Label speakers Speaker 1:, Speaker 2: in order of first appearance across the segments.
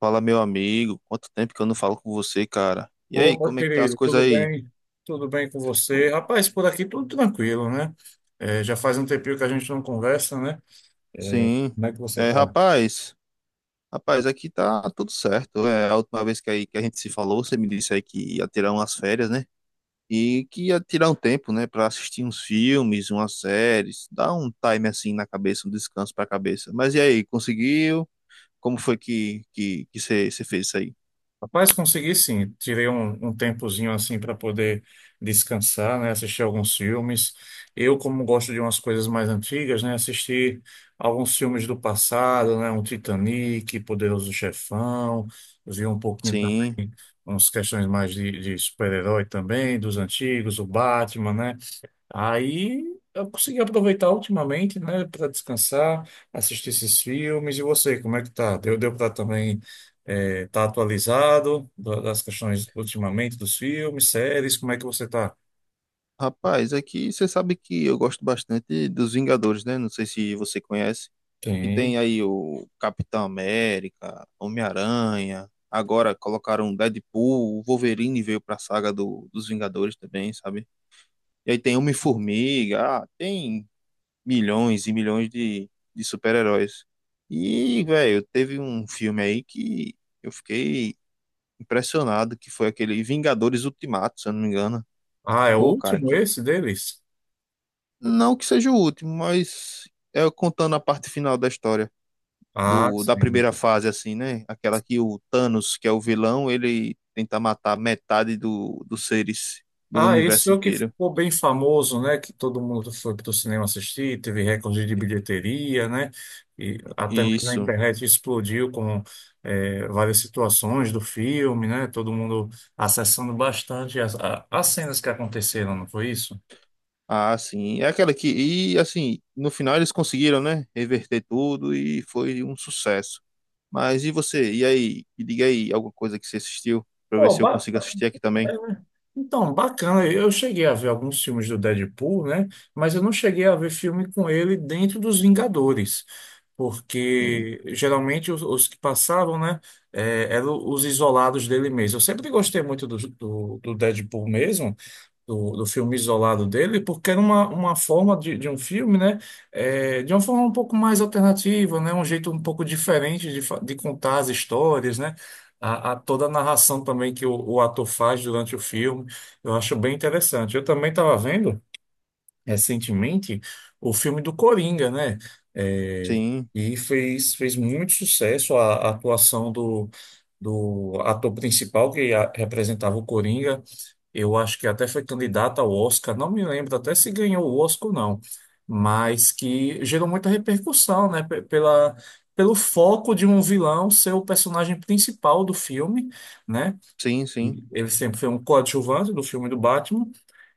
Speaker 1: Fala, meu amigo. Quanto tempo que eu não falo com você, cara? E aí,
Speaker 2: Opa,
Speaker 1: como é que tá as
Speaker 2: querido,
Speaker 1: coisas
Speaker 2: tudo
Speaker 1: aí?
Speaker 2: bem? Tudo bem com você?
Speaker 1: Pô.
Speaker 2: Rapaz, por aqui tudo tranquilo, né? É, já faz um tempinho que a gente não conversa, né? É,
Speaker 1: Sim.
Speaker 2: como é que você tá?
Speaker 1: Rapaz, aqui tá tudo certo. É, a última vez que a gente se falou, você me disse aí que ia tirar umas férias, né? E que ia tirar um tempo, né, pra assistir uns filmes, umas séries, dar um time assim na cabeça, um descanso pra cabeça. Mas e aí, conseguiu? Como foi que você fez isso aí?
Speaker 2: Rapaz, consegui sim. Tirei um tempozinho assim para poder descansar, né? Assistir alguns filmes. Eu, como gosto de umas coisas mais antigas, né? Assisti alguns filmes do passado, né? Um Titanic, Poderoso Chefão. Vi um pouquinho
Speaker 1: Sim.
Speaker 2: também umas questões mais de super-herói também, dos antigos, o Batman, né? Aí eu consegui aproveitar ultimamente, né, para descansar, assistir esses filmes. E você, como é que tá? Deu para também tá atualizado das questões ultimamente dos filmes, séries? Como é que você tá?
Speaker 1: Rapaz, aqui você sabe que eu gosto bastante dos Vingadores, né? Não sei se você conhece. Que
Speaker 2: Tem.
Speaker 1: tem aí o Capitão América, Homem-Aranha. Agora colocaram Deadpool, o Wolverine veio pra saga dos Vingadores também, sabe? E aí tem Homem-Formiga, tem milhões e milhões de super-heróis. E, velho, teve um filme aí que eu fiquei impressionado, que foi aquele Vingadores Ultimato, se eu não me engano.
Speaker 2: Ah, é o
Speaker 1: Pô, cara,
Speaker 2: último
Speaker 1: que
Speaker 2: esse deles?
Speaker 1: não que seja o último, mas é contando a parte final da história.
Speaker 2: Ah,
Speaker 1: Da
Speaker 2: sim.
Speaker 1: primeira fase, assim, né? Aquela que o Thanos, que é o vilão, ele tenta matar metade dos seres do
Speaker 2: Ah, esse
Speaker 1: universo
Speaker 2: foi o que
Speaker 1: inteiro.
Speaker 2: ficou bem famoso, né? Que todo mundo foi para o cinema assistir, teve recorde de bilheteria, né? E até mesmo na
Speaker 1: Isso.
Speaker 2: internet explodiu com várias situações do filme, né? Todo mundo acessando bastante as cenas que aconteceram, não foi isso?
Speaker 1: Ah, sim. É aquela que. E assim, no final eles conseguiram, né? Reverter tudo e foi um sucesso. Mas e você? E aí? Me diga aí alguma coisa que você assistiu, pra ver
Speaker 2: Pô.
Speaker 1: se eu consigo assistir aqui também.
Speaker 2: É. Então, bacana. Eu cheguei a ver alguns filmes do Deadpool, né? Mas eu não cheguei a ver filme com ele dentro dos Vingadores,
Speaker 1: Sim,
Speaker 2: porque geralmente os que passavam, né, eram os isolados dele mesmo. Eu sempre gostei muito do Deadpool mesmo, do filme isolado dele, porque era uma forma de um filme, né? É, de uma forma um pouco mais alternativa, né? Um jeito um pouco diferente de, de contar as histórias, né? A toda a narração também que o ator faz durante o filme, eu acho bem interessante. Eu também estava vendo recentemente o filme do Coringa, né? É,
Speaker 1: sim,
Speaker 2: e fez muito sucesso a atuação do ator principal que representava o Coringa. Eu acho que até foi candidato ao Oscar, não me lembro até se ganhou o Oscar ou não, mas que gerou muita repercussão, né? Pelo foco de um vilão ser o personagem principal do filme, né?
Speaker 1: sim, sim.
Speaker 2: Ele sempre foi um coadjuvante do filme do Batman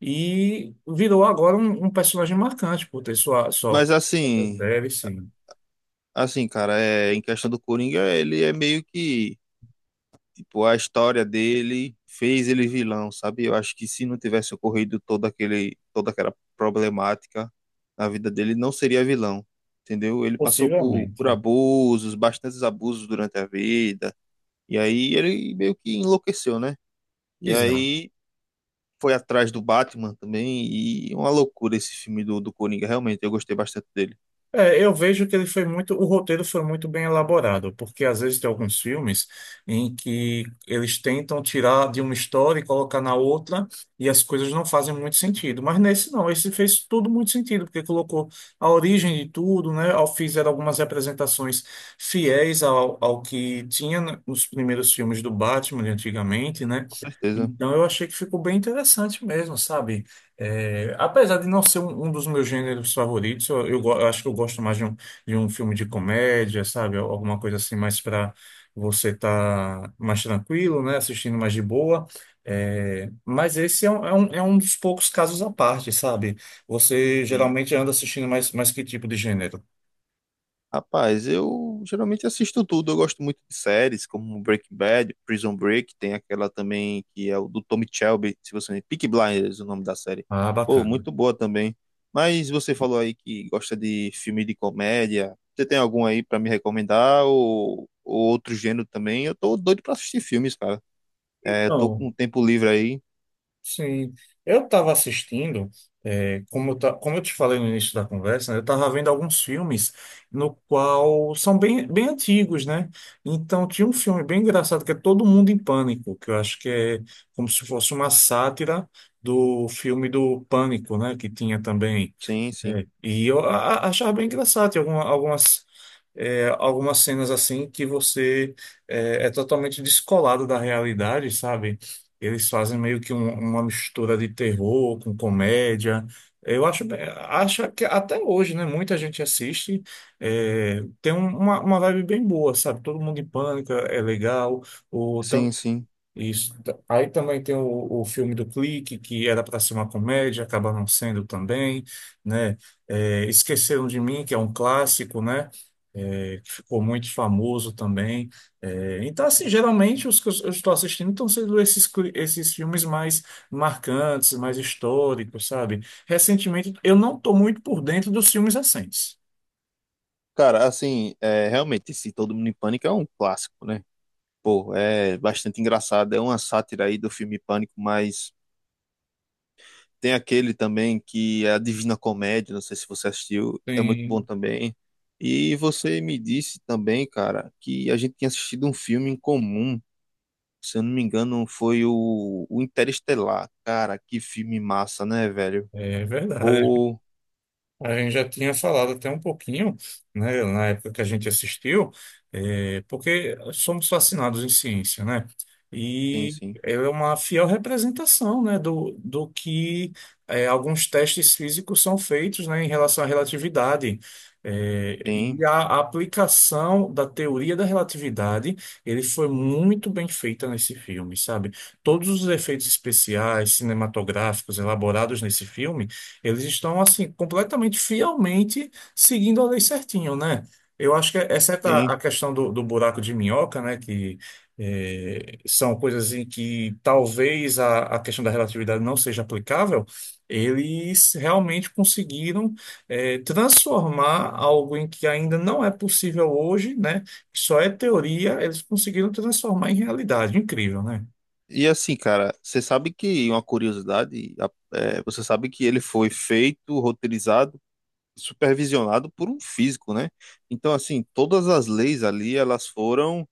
Speaker 2: e virou agora um personagem marcante por ter sua,
Speaker 1: Mas
Speaker 2: sua...
Speaker 1: assim,
Speaker 2: Deve, sim.
Speaker 1: assim, cara, é, em questão do Coringa, ele é meio que. Tipo, a história dele fez ele vilão, sabe? Eu acho que se não tivesse ocorrido toda aquela problemática na vida dele, ele não seria vilão, entendeu? Ele passou
Speaker 2: Possivelmente.
Speaker 1: por abusos, bastantes abusos durante a vida, e aí ele meio que enlouqueceu, né? E aí foi atrás do Batman também, e é uma loucura esse filme do Coringa, realmente, eu gostei bastante dele,
Speaker 2: É, eu vejo que ele foi muito, o roteiro foi muito bem elaborado, porque às vezes tem alguns filmes em que eles tentam tirar de uma história e colocar na outra, e as coisas não fazem muito sentido. Mas nesse não, esse fez tudo muito sentido, porque colocou a origem de tudo, né? Fizeram algumas representações fiéis ao que tinha nos primeiros filmes do Batman de antigamente, né?
Speaker 1: com certeza.
Speaker 2: Então eu achei que ficou bem interessante mesmo, sabe? É, apesar de não ser um dos meus gêneros favoritos, eu acho que eu gosto mais de um filme de comédia, sabe? Alguma coisa assim, mais para você estar mais tranquilo, né? Assistindo mais de boa. É, mas esse é é um dos poucos casos à parte, sabe? Você
Speaker 1: Tem.
Speaker 2: geralmente anda assistindo mais que tipo de gênero?
Speaker 1: Rapaz, eu geralmente assisto tudo. Eu gosto muito de séries como Breaking Bad, Prison Break, tem aquela também que é o do Tommy Shelby, se você Peaky Blinders, o nome da série.
Speaker 2: Ah,
Speaker 1: Pô,
Speaker 2: bacana.
Speaker 1: muito boa também. Mas você falou aí que gosta de filme de comédia. Você tem algum aí pra me recomendar ou outro gênero também? Eu tô doido pra assistir filmes, cara. É, eu tô
Speaker 2: Então.
Speaker 1: com um tempo livre aí.
Speaker 2: Sim, eu estava assistindo, como eu te falei no início da conversa, né, eu estava vendo alguns filmes no qual são bem antigos, né? Então tinha um filme bem engraçado que é Todo Mundo em Pânico, que eu acho que é como se fosse uma sátira do filme do Pânico, né? Que tinha também
Speaker 1: Sim, sim.
Speaker 2: e eu achava bem engraçado, tem algumas, algumas cenas assim que é totalmente descolado da realidade, sabe? Eles fazem meio que uma mistura de terror com comédia. Eu acho, acho que até hoje, né? Muita gente assiste, é, tem uma vibe bem boa, sabe? Todo mundo em pânico, é legal. o tam-
Speaker 1: Sim, sim.
Speaker 2: isso. Aí também tem o filme do Clique, que era para ser uma comédia, acaba não sendo também, né? É, Esqueceram de Mim, que é um clássico, né? É, que ficou muito famoso também. É, então, assim, geralmente os que eu estou assistindo estão sendo esses, esses filmes mais marcantes, mais históricos, sabe? Recentemente, eu não estou muito por dentro dos filmes recentes.
Speaker 1: Cara, assim, é, realmente, esse Todo Mundo em Pânico é um clássico, né? Pô, é bastante engraçado. É uma sátira aí do filme Pânico, mas tem aquele também que é a Divina Comédia, não sei se você assistiu, é muito bom
Speaker 2: Sim,
Speaker 1: também. E você me disse também, cara, que a gente tinha assistido um filme em comum. Se eu não me engano, foi o Interestelar. Cara, que filme massa, né, velho?
Speaker 2: é verdade.
Speaker 1: Pô,
Speaker 2: A gente já tinha falado até um pouquinho, né, na época que a gente assistiu, porque somos fascinados em ciência, né?
Speaker 1: tem
Speaker 2: E
Speaker 1: sim,
Speaker 2: ela é uma fiel representação, né, do que alguns testes físicos são feitos, né, em relação à relatividade.
Speaker 1: tem,
Speaker 2: E a aplicação da teoria da relatividade, ele foi muito bem feita nesse filme, sabe? Todos os efeitos especiais, cinematográficos elaborados nesse filme eles estão, assim, completamente, fielmente seguindo a lei certinho, né? Eu acho que, exceto
Speaker 1: tem.
Speaker 2: a questão do buraco de minhoca, né, que são coisas em que talvez a questão da relatividade não seja aplicável, eles realmente conseguiram transformar algo em que ainda não é possível hoje, né, que só é teoria, eles conseguiram transformar em realidade. Incrível, né?
Speaker 1: E assim, cara, você sabe que uma curiosidade, é, você sabe que ele foi feito, roteirizado, supervisionado por um físico, né? Então, assim, todas as leis ali,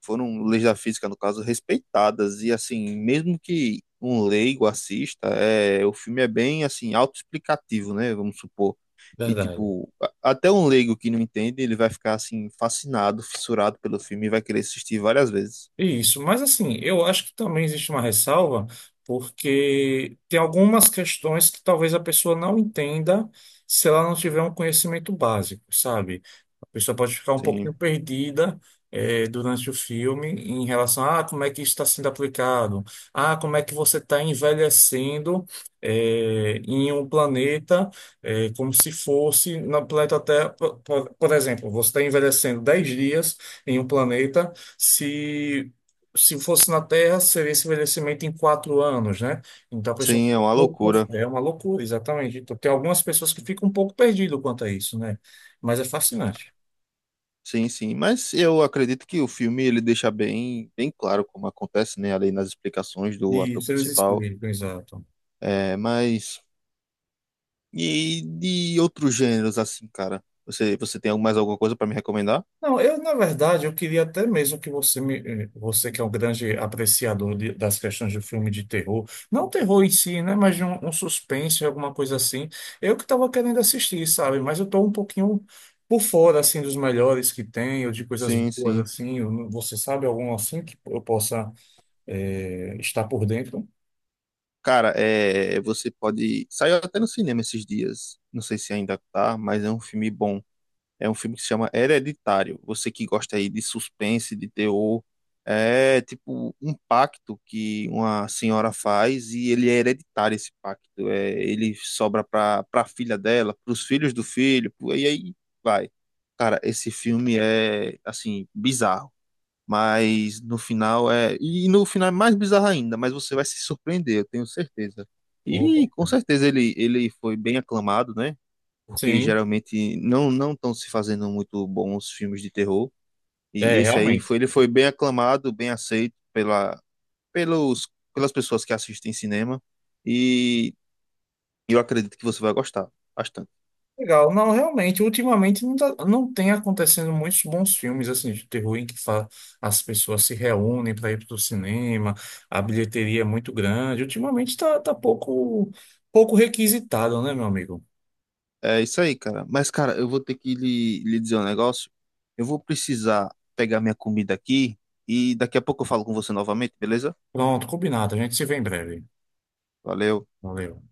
Speaker 1: foram leis da física, no caso, respeitadas. E, assim, mesmo que um leigo assista, é, o filme é bem, assim, autoexplicativo, né? Vamos supor. E,
Speaker 2: Verdade.
Speaker 1: tipo, até um leigo que não entende, ele vai ficar, assim, fascinado, fissurado pelo filme e vai querer assistir várias vezes.
Speaker 2: Isso, mas assim, eu acho que também existe uma ressalva, porque tem algumas questões que talvez a pessoa não entenda se ela não tiver um conhecimento básico, sabe? A pessoa pode ficar um pouquinho
Speaker 1: Sim,
Speaker 2: perdida, durante o filme em relação a ah, como é que isso está sendo aplicado, ah, como é que você está envelhecendo, em um planeta, como se fosse na planeta Terra, por exemplo, você está envelhecendo 10 dias em um planeta. Se se fosse na Terra, seria esse envelhecimento em 4 anos, né? Então a pessoa
Speaker 1: sim, é
Speaker 2: fica
Speaker 1: uma
Speaker 2: um pouco
Speaker 1: loucura.
Speaker 2: é uma loucura, exatamente. Então, tem algumas pessoas que ficam um pouco perdidas quanto a isso, né? Mas é fascinante.
Speaker 1: Sim, sim, mas eu acredito que o filme ele deixa bem claro como acontece, né, ali nas explicações do
Speaker 2: E
Speaker 1: ator
Speaker 2: isso eles
Speaker 1: principal.
Speaker 2: explicam, exato.
Speaker 1: É, mas e de outros gêneros assim, cara? Você tem mais alguma coisa para me recomendar?
Speaker 2: Não, eu, na verdade, eu queria até mesmo que você que é um grande apreciador das questões de filme de terror, não terror em si, né, mas de um suspense, alguma coisa assim. Eu que estava querendo assistir, sabe? Mas eu estou um pouquinho por fora, assim, dos melhores que tem, ou de coisas
Speaker 1: Sim,
Speaker 2: boas,
Speaker 1: sim.
Speaker 2: assim. Eu não- Você sabe algum assim que eu possa, estar por dentro?
Speaker 1: Cara, é, você pode saiu até no cinema esses dias. Não sei se ainda tá, mas é um filme bom. É um filme que se chama Hereditário. Você que gosta aí de suspense, de terror, é tipo um pacto que uma senhora faz e ele é hereditário esse pacto. É, ele sobra para filha dela, para os filhos do filho, pro- e aí vai. Cara, esse filme é assim bizarro, mas no final no final é mais bizarro ainda, mas você vai se surpreender, eu tenho certeza. E com
Speaker 2: Opa.
Speaker 1: certeza ele foi bem aclamado, né? Porque
Speaker 2: Sim,
Speaker 1: geralmente não estão se fazendo muito bons filmes de terror. E
Speaker 2: é,
Speaker 1: esse aí
Speaker 2: realmente.
Speaker 1: foi ele foi bem aclamado, bem aceito pela pelos pelas pessoas que assistem cinema e eu acredito que você vai gostar bastante.
Speaker 2: Legal. Não, realmente, ultimamente não, não tem acontecendo muitos bons filmes assim de terror em que as pessoas se reúnem para ir para o cinema, a bilheteria é muito grande. Ultimamente está tá tá pouco, pouco requisitado, né, meu amigo?
Speaker 1: É isso aí, cara. Mas cara, eu vou ter que lhe dizer um negócio. Eu vou precisar pegar minha comida aqui e daqui a pouco eu falo com você novamente, beleza?
Speaker 2: Pronto, combinado. A gente se vê em breve.
Speaker 1: Valeu.
Speaker 2: Valeu.